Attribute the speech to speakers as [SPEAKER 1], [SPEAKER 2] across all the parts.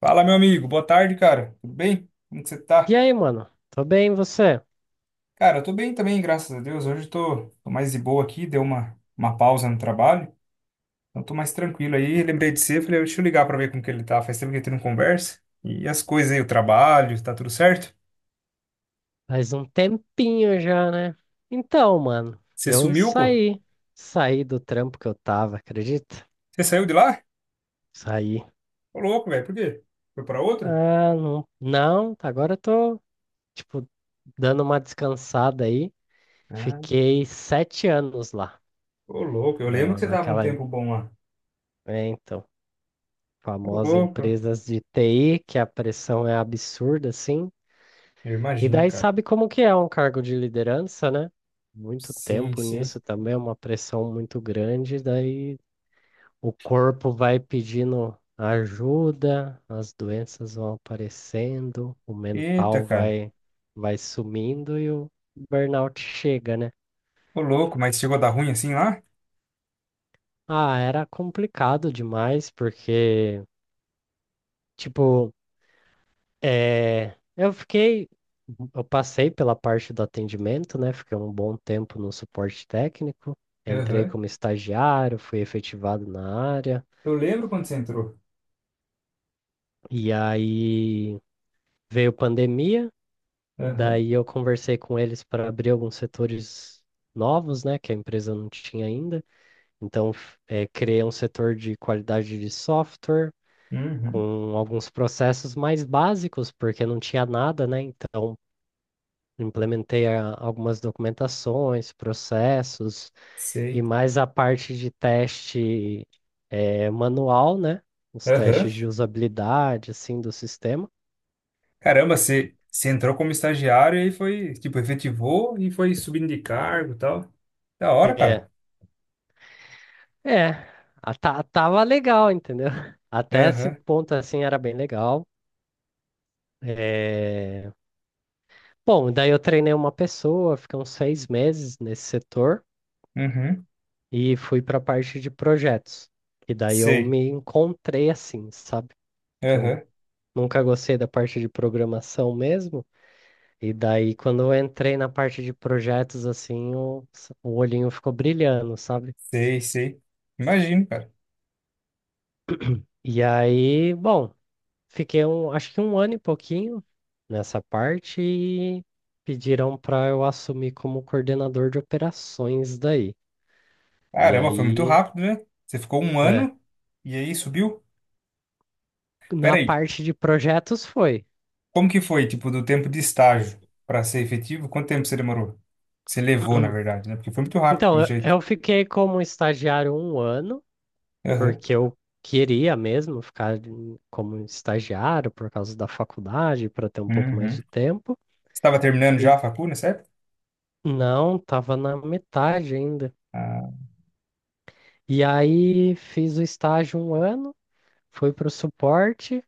[SPEAKER 1] Fala, meu amigo. Boa tarde, cara. Tudo bem? Como que você tá?
[SPEAKER 2] E aí, mano? Tô bem, e você?
[SPEAKER 1] Cara, eu tô bem também, graças a Deus. Hoje eu tô mais de boa aqui, deu uma pausa no trabalho. Então tô mais tranquilo aí. Lembrei de você, falei, deixa eu ligar pra ver como que ele tá. Faz tempo que a gente não conversa. E as coisas aí, o trabalho, tá tudo certo?
[SPEAKER 2] Faz um tempinho já, né? Então, mano,
[SPEAKER 1] Você
[SPEAKER 2] eu
[SPEAKER 1] sumiu, pô?
[SPEAKER 2] saí. Saí do trampo que eu tava, acredita?
[SPEAKER 1] Você saiu de lá?
[SPEAKER 2] Saí.
[SPEAKER 1] Ô, louco, velho. Por quê? Foi pra outro?
[SPEAKER 2] Ah, não. Não, agora eu tô, tipo, dando uma descansada aí.
[SPEAKER 1] Ah,
[SPEAKER 2] Fiquei 7 anos lá,
[SPEAKER 1] ô, louco. Eu lembro que você tava um
[SPEAKER 2] naquela,
[SPEAKER 1] tempo bom lá.
[SPEAKER 2] é, então,
[SPEAKER 1] Ô,
[SPEAKER 2] famosa
[SPEAKER 1] louco.
[SPEAKER 2] empresas de TI, que a pressão é absurda, assim.
[SPEAKER 1] Eu
[SPEAKER 2] E
[SPEAKER 1] imagino,
[SPEAKER 2] daí
[SPEAKER 1] cara.
[SPEAKER 2] sabe como que é um cargo de liderança, né? Muito
[SPEAKER 1] Sim,
[SPEAKER 2] tempo
[SPEAKER 1] sim.
[SPEAKER 2] nisso também, é uma pressão muito grande, daí o corpo vai pedindo ajuda, as doenças vão aparecendo, o
[SPEAKER 1] Eita,
[SPEAKER 2] mental
[SPEAKER 1] cara.
[SPEAKER 2] vai sumindo e o burnout chega, né?
[SPEAKER 1] Ô, louco, mas chegou a dar ruim assim lá?
[SPEAKER 2] Ah, era complicado demais porque tipo, É, eu fiquei, eu passei pela parte do atendimento, né? Fiquei um bom tempo no suporte técnico, entrei
[SPEAKER 1] Aham.
[SPEAKER 2] como estagiário, fui efetivado na área,
[SPEAKER 1] Eu lembro quando você entrou.
[SPEAKER 2] e aí veio pandemia,
[SPEAKER 1] Aham.
[SPEAKER 2] daí eu conversei com eles para abrir alguns setores novos, né? Que a empresa não tinha ainda. Então, criei um setor de qualidade de software.
[SPEAKER 1] Uhum.
[SPEAKER 2] Com alguns processos mais básicos, porque não tinha nada, né? Então, implementei algumas documentações, processos e
[SPEAKER 1] Sei.
[SPEAKER 2] mais a parte de teste manual, né? Os
[SPEAKER 1] Aham.
[SPEAKER 2] testes de usabilidade, assim, do sistema.
[SPEAKER 1] Caramba, você entrou como estagiário e aí foi, tipo, efetivou e foi subindo de cargo e tal. Da hora, cara.
[SPEAKER 2] É, é, tava legal, entendeu? Até esse
[SPEAKER 1] Aham.
[SPEAKER 2] ponto, assim, era bem legal. É, bom, daí eu treinei uma pessoa, fiquei uns 6 meses nesse setor
[SPEAKER 1] Uhum.
[SPEAKER 2] e fui para a parte de projetos. E daí eu
[SPEAKER 1] Sei.
[SPEAKER 2] me encontrei assim, sabe? Que eu
[SPEAKER 1] Aham.
[SPEAKER 2] Nunca gostei da parte de programação mesmo. E daí, quando eu entrei na parte de projetos, assim, o olhinho ficou brilhando, sabe?
[SPEAKER 1] Sei, sei. Imagino, cara.
[SPEAKER 2] E aí, bom, fiquei um, acho que um ano e pouquinho nessa parte e pediram para eu assumir como coordenador de operações daí. E
[SPEAKER 1] Caramba, foi muito
[SPEAKER 2] aí,
[SPEAKER 1] rápido, né? Você ficou um
[SPEAKER 2] é,
[SPEAKER 1] ano e aí subiu. Pera
[SPEAKER 2] na
[SPEAKER 1] aí.
[SPEAKER 2] parte de projetos foi.
[SPEAKER 1] Como que foi, tipo, do tempo de estágio para ser efetivo? Quanto tempo você demorou? Você levou, na verdade, né? Porque foi muito rápido,
[SPEAKER 2] Então,
[SPEAKER 1] pelo
[SPEAKER 2] eu
[SPEAKER 1] jeito.
[SPEAKER 2] eu fiquei como estagiário um ano,
[SPEAKER 1] Aham.
[SPEAKER 2] porque eu queria mesmo ficar como estagiário por causa da faculdade, para ter um pouco mais
[SPEAKER 1] Uhum.
[SPEAKER 2] de
[SPEAKER 1] Você
[SPEAKER 2] tempo.
[SPEAKER 1] estava terminando
[SPEAKER 2] E
[SPEAKER 1] já a facul, né?
[SPEAKER 2] não, estava na metade ainda.
[SPEAKER 1] Ah,
[SPEAKER 2] E aí fiz o estágio um ano, fui para o suporte,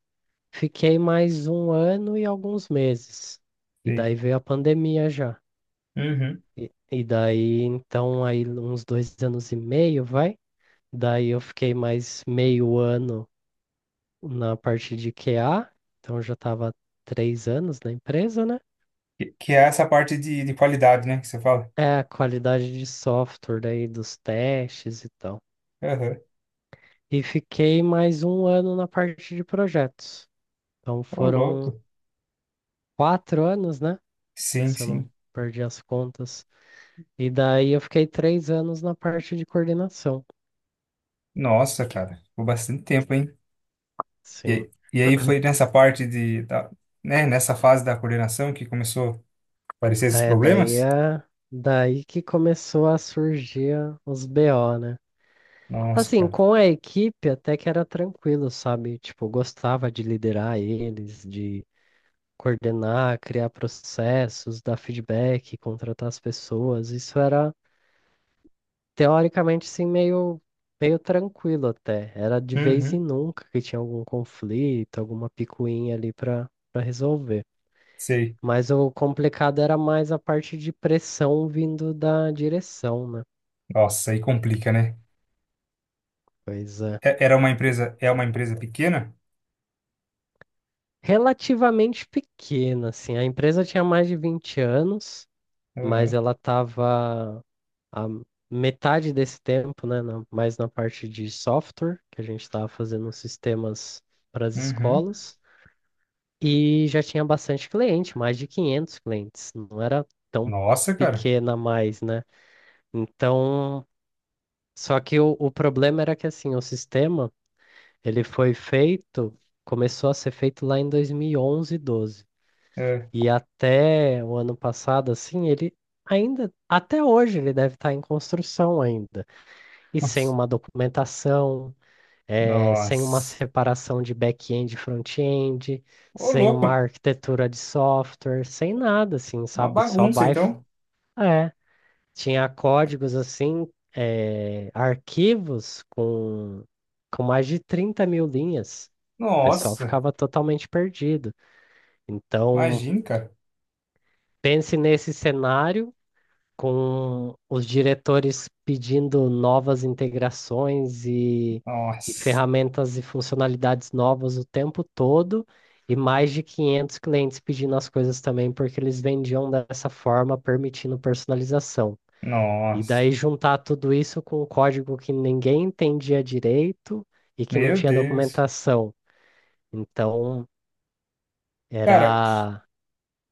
[SPEAKER 2] fiquei mais um ano e alguns meses. E
[SPEAKER 1] sei.
[SPEAKER 2] daí veio a pandemia já.
[SPEAKER 1] Uhum.
[SPEAKER 2] E daí, então, aí uns 2 anos e meio, vai. Daí eu fiquei mais meio ano na parte de QA, então eu já estava 3 anos na empresa, né?
[SPEAKER 1] Que é essa parte de qualidade, né? Que você fala.
[SPEAKER 2] É, a qualidade de software daí dos testes e tal.
[SPEAKER 1] Aham.
[SPEAKER 2] E fiquei mais um ano na parte de projetos. Então
[SPEAKER 1] Ô,
[SPEAKER 2] foram
[SPEAKER 1] louco.
[SPEAKER 2] 4 anos, né?
[SPEAKER 1] Sim,
[SPEAKER 2] Se eu não
[SPEAKER 1] sim.
[SPEAKER 2] perdi as contas. E daí eu fiquei 3 anos na parte de coordenação.
[SPEAKER 1] Nossa, cara. Ficou bastante tempo, hein?
[SPEAKER 2] Sim.
[SPEAKER 1] E aí foi nessa parte de, da, né? Nessa fase da coordenação que começou a aparecer esses
[SPEAKER 2] É,
[SPEAKER 1] problemas?
[SPEAKER 2] daí que começou a surgir os BO, né?
[SPEAKER 1] Nossa,
[SPEAKER 2] Assim,
[SPEAKER 1] cara.
[SPEAKER 2] com a equipe até que era tranquilo, sabe? Tipo, eu gostava de liderar eles, de coordenar, criar processos, dar feedback, contratar as pessoas. Isso era, teoricamente, sim, meio tranquilo até. Era de vez em
[SPEAKER 1] Uhum.
[SPEAKER 2] nunca que tinha algum conflito, alguma picuinha ali para resolver.
[SPEAKER 1] Sei.
[SPEAKER 2] Mas o complicado era mais a parte de pressão vindo da direção, né?
[SPEAKER 1] Nossa, aí complica, né?
[SPEAKER 2] Pois é.
[SPEAKER 1] É- Era uma empresa, é uma empresa pequena?
[SPEAKER 2] Relativamente pequena, assim. A empresa tinha mais de 20 anos, mas
[SPEAKER 1] Aham.
[SPEAKER 2] ela estava a metade desse tempo, né, na- mais na parte de software, que a gente estava fazendo sistemas para as
[SPEAKER 1] Uhum.
[SPEAKER 2] escolas, e já tinha bastante cliente, mais de 500 clientes. Não era tão
[SPEAKER 1] Nossa, cara.
[SPEAKER 2] pequena mais, né? Então, só que o problema era que, assim, o sistema, ele foi feito, começou a ser feito lá em 2011, 12.
[SPEAKER 1] É.
[SPEAKER 2] E até o ano passado, assim, ele ainda, até hoje, ele deve estar em construção ainda. E sem
[SPEAKER 1] Nossa.
[SPEAKER 2] uma documentação, sem uma
[SPEAKER 1] Nossa.
[SPEAKER 2] separação de back-end e front-end,
[SPEAKER 1] Ô,
[SPEAKER 2] sem
[SPEAKER 1] louco.
[SPEAKER 2] uma arquitetura de software, sem nada, assim,
[SPEAKER 1] Uma
[SPEAKER 2] sabe? Só
[SPEAKER 1] bagunça,
[SPEAKER 2] vai.
[SPEAKER 1] então.
[SPEAKER 2] É, tinha códigos, assim, arquivos com mais de 30 mil linhas. O pessoal
[SPEAKER 1] Nossa.
[SPEAKER 2] ficava totalmente perdido. Então,
[SPEAKER 1] Imagina, cara.
[SPEAKER 2] pense nesse cenário com os diretores pedindo novas integrações e
[SPEAKER 1] Nossa.
[SPEAKER 2] ferramentas e funcionalidades novas o tempo todo, e mais de 500 clientes pedindo as coisas também, porque eles vendiam dessa forma, permitindo personalização. E
[SPEAKER 1] Nossa.
[SPEAKER 2] daí juntar tudo isso com um código que ninguém entendia direito e que não
[SPEAKER 1] Meu
[SPEAKER 2] tinha
[SPEAKER 1] Deus.
[SPEAKER 2] documentação. Então,
[SPEAKER 1] Cara,
[SPEAKER 2] era,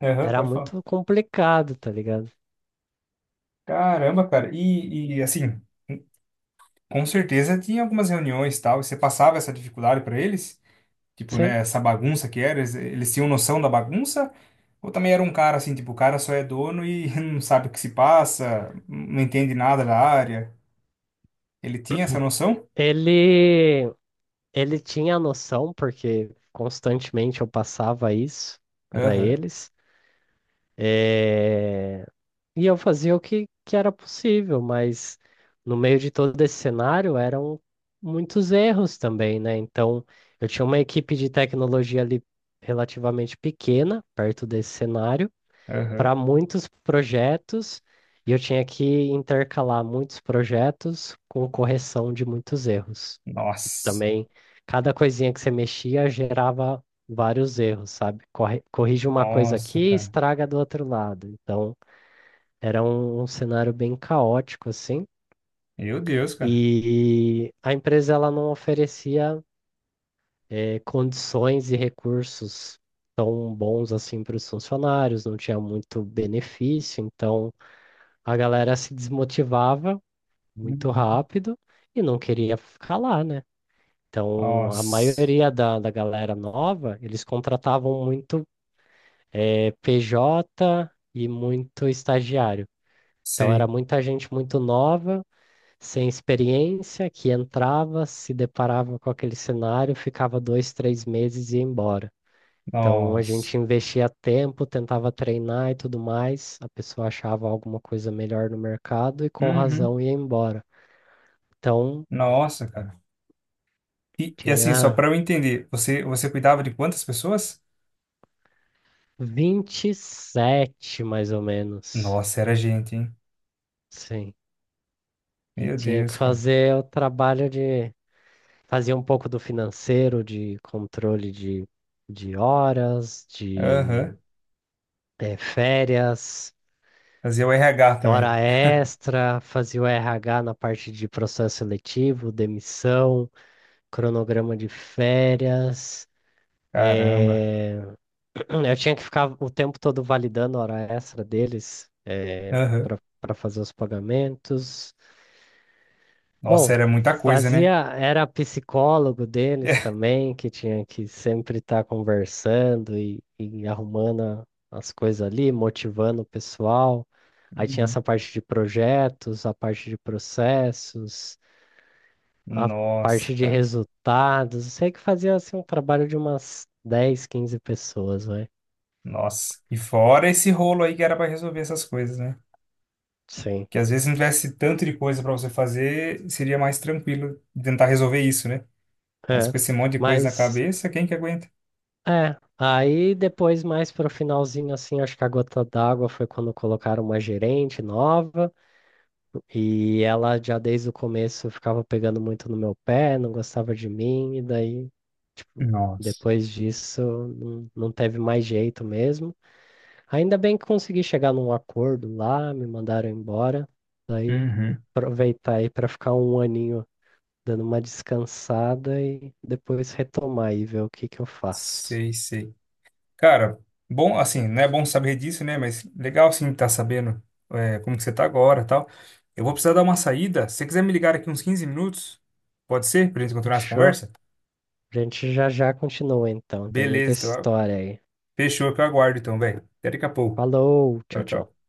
[SPEAKER 1] aham,
[SPEAKER 2] era
[SPEAKER 1] pode falar.
[SPEAKER 2] muito complicado, tá ligado?
[SPEAKER 1] Caramba, cara. E, assim, com certeza tinha algumas reuniões e tal. E você passava essa dificuldade pra eles? Tipo,
[SPEAKER 2] Sim.
[SPEAKER 1] né, essa bagunça que era, eles tinham noção da bagunça? Ou também era um cara assim, tipo, o cara só é dono e não sabe o que se passa, não entende nada da área? Ele tinha essa noção?
[SPEAKER 2] Ele, Ele tinha a noção, porque constantemente eu passava isso para
[SPEAKER 1] Aham,
[SPEAKER 2] eles, eh, e eu fazia o que era possível, mas no meio de todo esse cenário eram muitos erros também, né? Então eu tinha uma equipe de tecnologia ali relativamente pequena, perto desse cenário
[SPEAKER 1] aham.
[SPEAKER 2] para muitos projetos e eu tinha que intercalar muitos projetos com correção de muitos erros. E
[SPEAKER 1] Nossa,
[SPEAKER 2] também, cada coisinha que você mexia gerava vários erros, sabe? Corrige uma coisa aqui
[SPEAKER 1] nossa,
[SPEAKER 2] e
[SPEAKER 1] cara.
[SPEAKER 2] estraga do outro lado. Então, era um cenário bem caótico, assim.
[SPEAKER 1] Meu Deus, cara.
[SPEAKER 2] E a empresa ela não oferecia condições e recursos tão bons assim para os funcionários, não tinha muito benefício, então a galera se desmotivava muito
[SPEAKER 1] Uhum.
[SPEAKER 2] rápido e não queria ficar lá, né? Então, a
[SPEAKER 1] Nossa.
[SPEAKER 2] maioria da galera nova, eles contratavam muito PJ e muito estagiário. Então, era
[SPEAKER 1] Sei.
[SPEAKER 2] muita gente muito nova, sem experiência, que entrava, se deparava com aquele cenário, ficava 2, 3 meses e ia embora. Então, a
[SPEAKER 1] Nossa.
[SPEAKER 2] gente investia tempo, tentava treinar e tudo mais. A pessoa achava alguma coisa melhor no mercado e, com
[SPEAKER 1] Uhum.
[SPEAKER 2] razão, ia embora. Então,
[SPEAKER 1] Nossa, cara. E assim, só
[SPEAKER 2] tinha
[SPEAKER 1] pra eu entender, você cuidava de quantas pessoas?
[SPEAKER 2] 27, mais ou menos.
[SPEAKER 1] Nossa, era gente, hein?
[SPEAKER 2] Sim. E
[SPEAKER 1] Meu
[SPEAKER 2] tinha que
[SPEAKER 1] Deus, cara.
[SPEAKER 2] fazer o trabalho de fazer um pouco do financeiro, de controle de horas,
[SPEAKER 1] Aham.
[SPEAKER 2] de férias,
[SPEAKER 1] Fazia o RH também.
[SPEAKER 2] hora extra, fazia o RH na parte de processo seletivo, demissão, cronograma de férias.
[SPEAKER 1] Caramba.
[SPEAKER 2] eh, Eu tinha que ficar o tempo todo validando a hora extra deles
[SPEAKER 1] Aham.
[SPEAKER 2] para fazer os pagamentos.
[SPEAKER 1] Nossa,
[SPEAKER 2] Bom,
[SPEAKER 1] era muita coisa,
[SPEAKER 2] fazia,
[SPEAKER 1] né?
[SPEAKER 2] era psicólogo deles também, que tinha que sempre estar conversando e arrumando as coisas ali, motivando o pessoal. Aí tinha
[SPEAKER 1] Uhum.
[SPEAKER 2] essa parte de projetos, a parte de processos, a
[SPEAKER 1] Nossa,
[SPEAKER 2] parte de
[SPEAKER 1] cara.
[SPEAKER 2] resultados. Eu sei que fazia assim um trabalho de umas 10, 15 pessoas, vai.
[SPEAKER 1] Nossa. E fora esse rolo aí que era pra resolver essas coisas, né?
[SPEAKER 2] Sim.
[SPEAKER 1] Que às vezes se não tivesse tanto de coisa pra você fazer, seria mais tranquilo tentar resolver isso, né? Mas
[SPEAKER 2] É.
[SPEAKER 1] com esse monte de coisa na
[SPEAKER 2] Mas
[SPEAKER 1] cabeça, quem que aguenta?
[SPEAKER 2] é, aí depois, mais pro finalzinho, assim, acho que a gota d'água foi quando colocaram uma gerente nova e ela já desde o começo ficava pegando muito no meu pé, não gostava de mim, e daí, tipo,
[SPEAKER 1] Nossa.
[SPEAKER 2] depois disso não, não teve mais jeito mesmo. Ainda bem que consegui chegar num acordo lá, me mandaram embora, daí
[SPEAKER 1] Uhum.
[SPEAKER 2] aproveitar aí pra ficar um aninho dando uma descansada e depois retomar e ver o que que eu faço.
[SPEAKER 1] Sei, sei. Cara, bom, assim, não é bom saber disso, né? Mas legal, sim, tá sabendo é, como que você tá agora e tal. Eu vou precisar dar uma saída. Se você quiser me ligar aqui uns 15 minutos, pode ser? Pra gente continuar essa
[SPEAKER 2] Fechou?
[SPEAKER 1] conversa?
[SPEAKER 2] A gente já continua então, tem muita
[SPEAKER 1] Beleza, então,
[SPEAKER 2] história aí.
[SPEAKER 1] fechou, que eu aguardo então, velho. Até daqui a pouco.
[SPEAKER 2] Falou,
[SPEAKER 1] Tchau,
[SPEAKER 2] tchau, tchau.
[SPEAKER 1] tchau.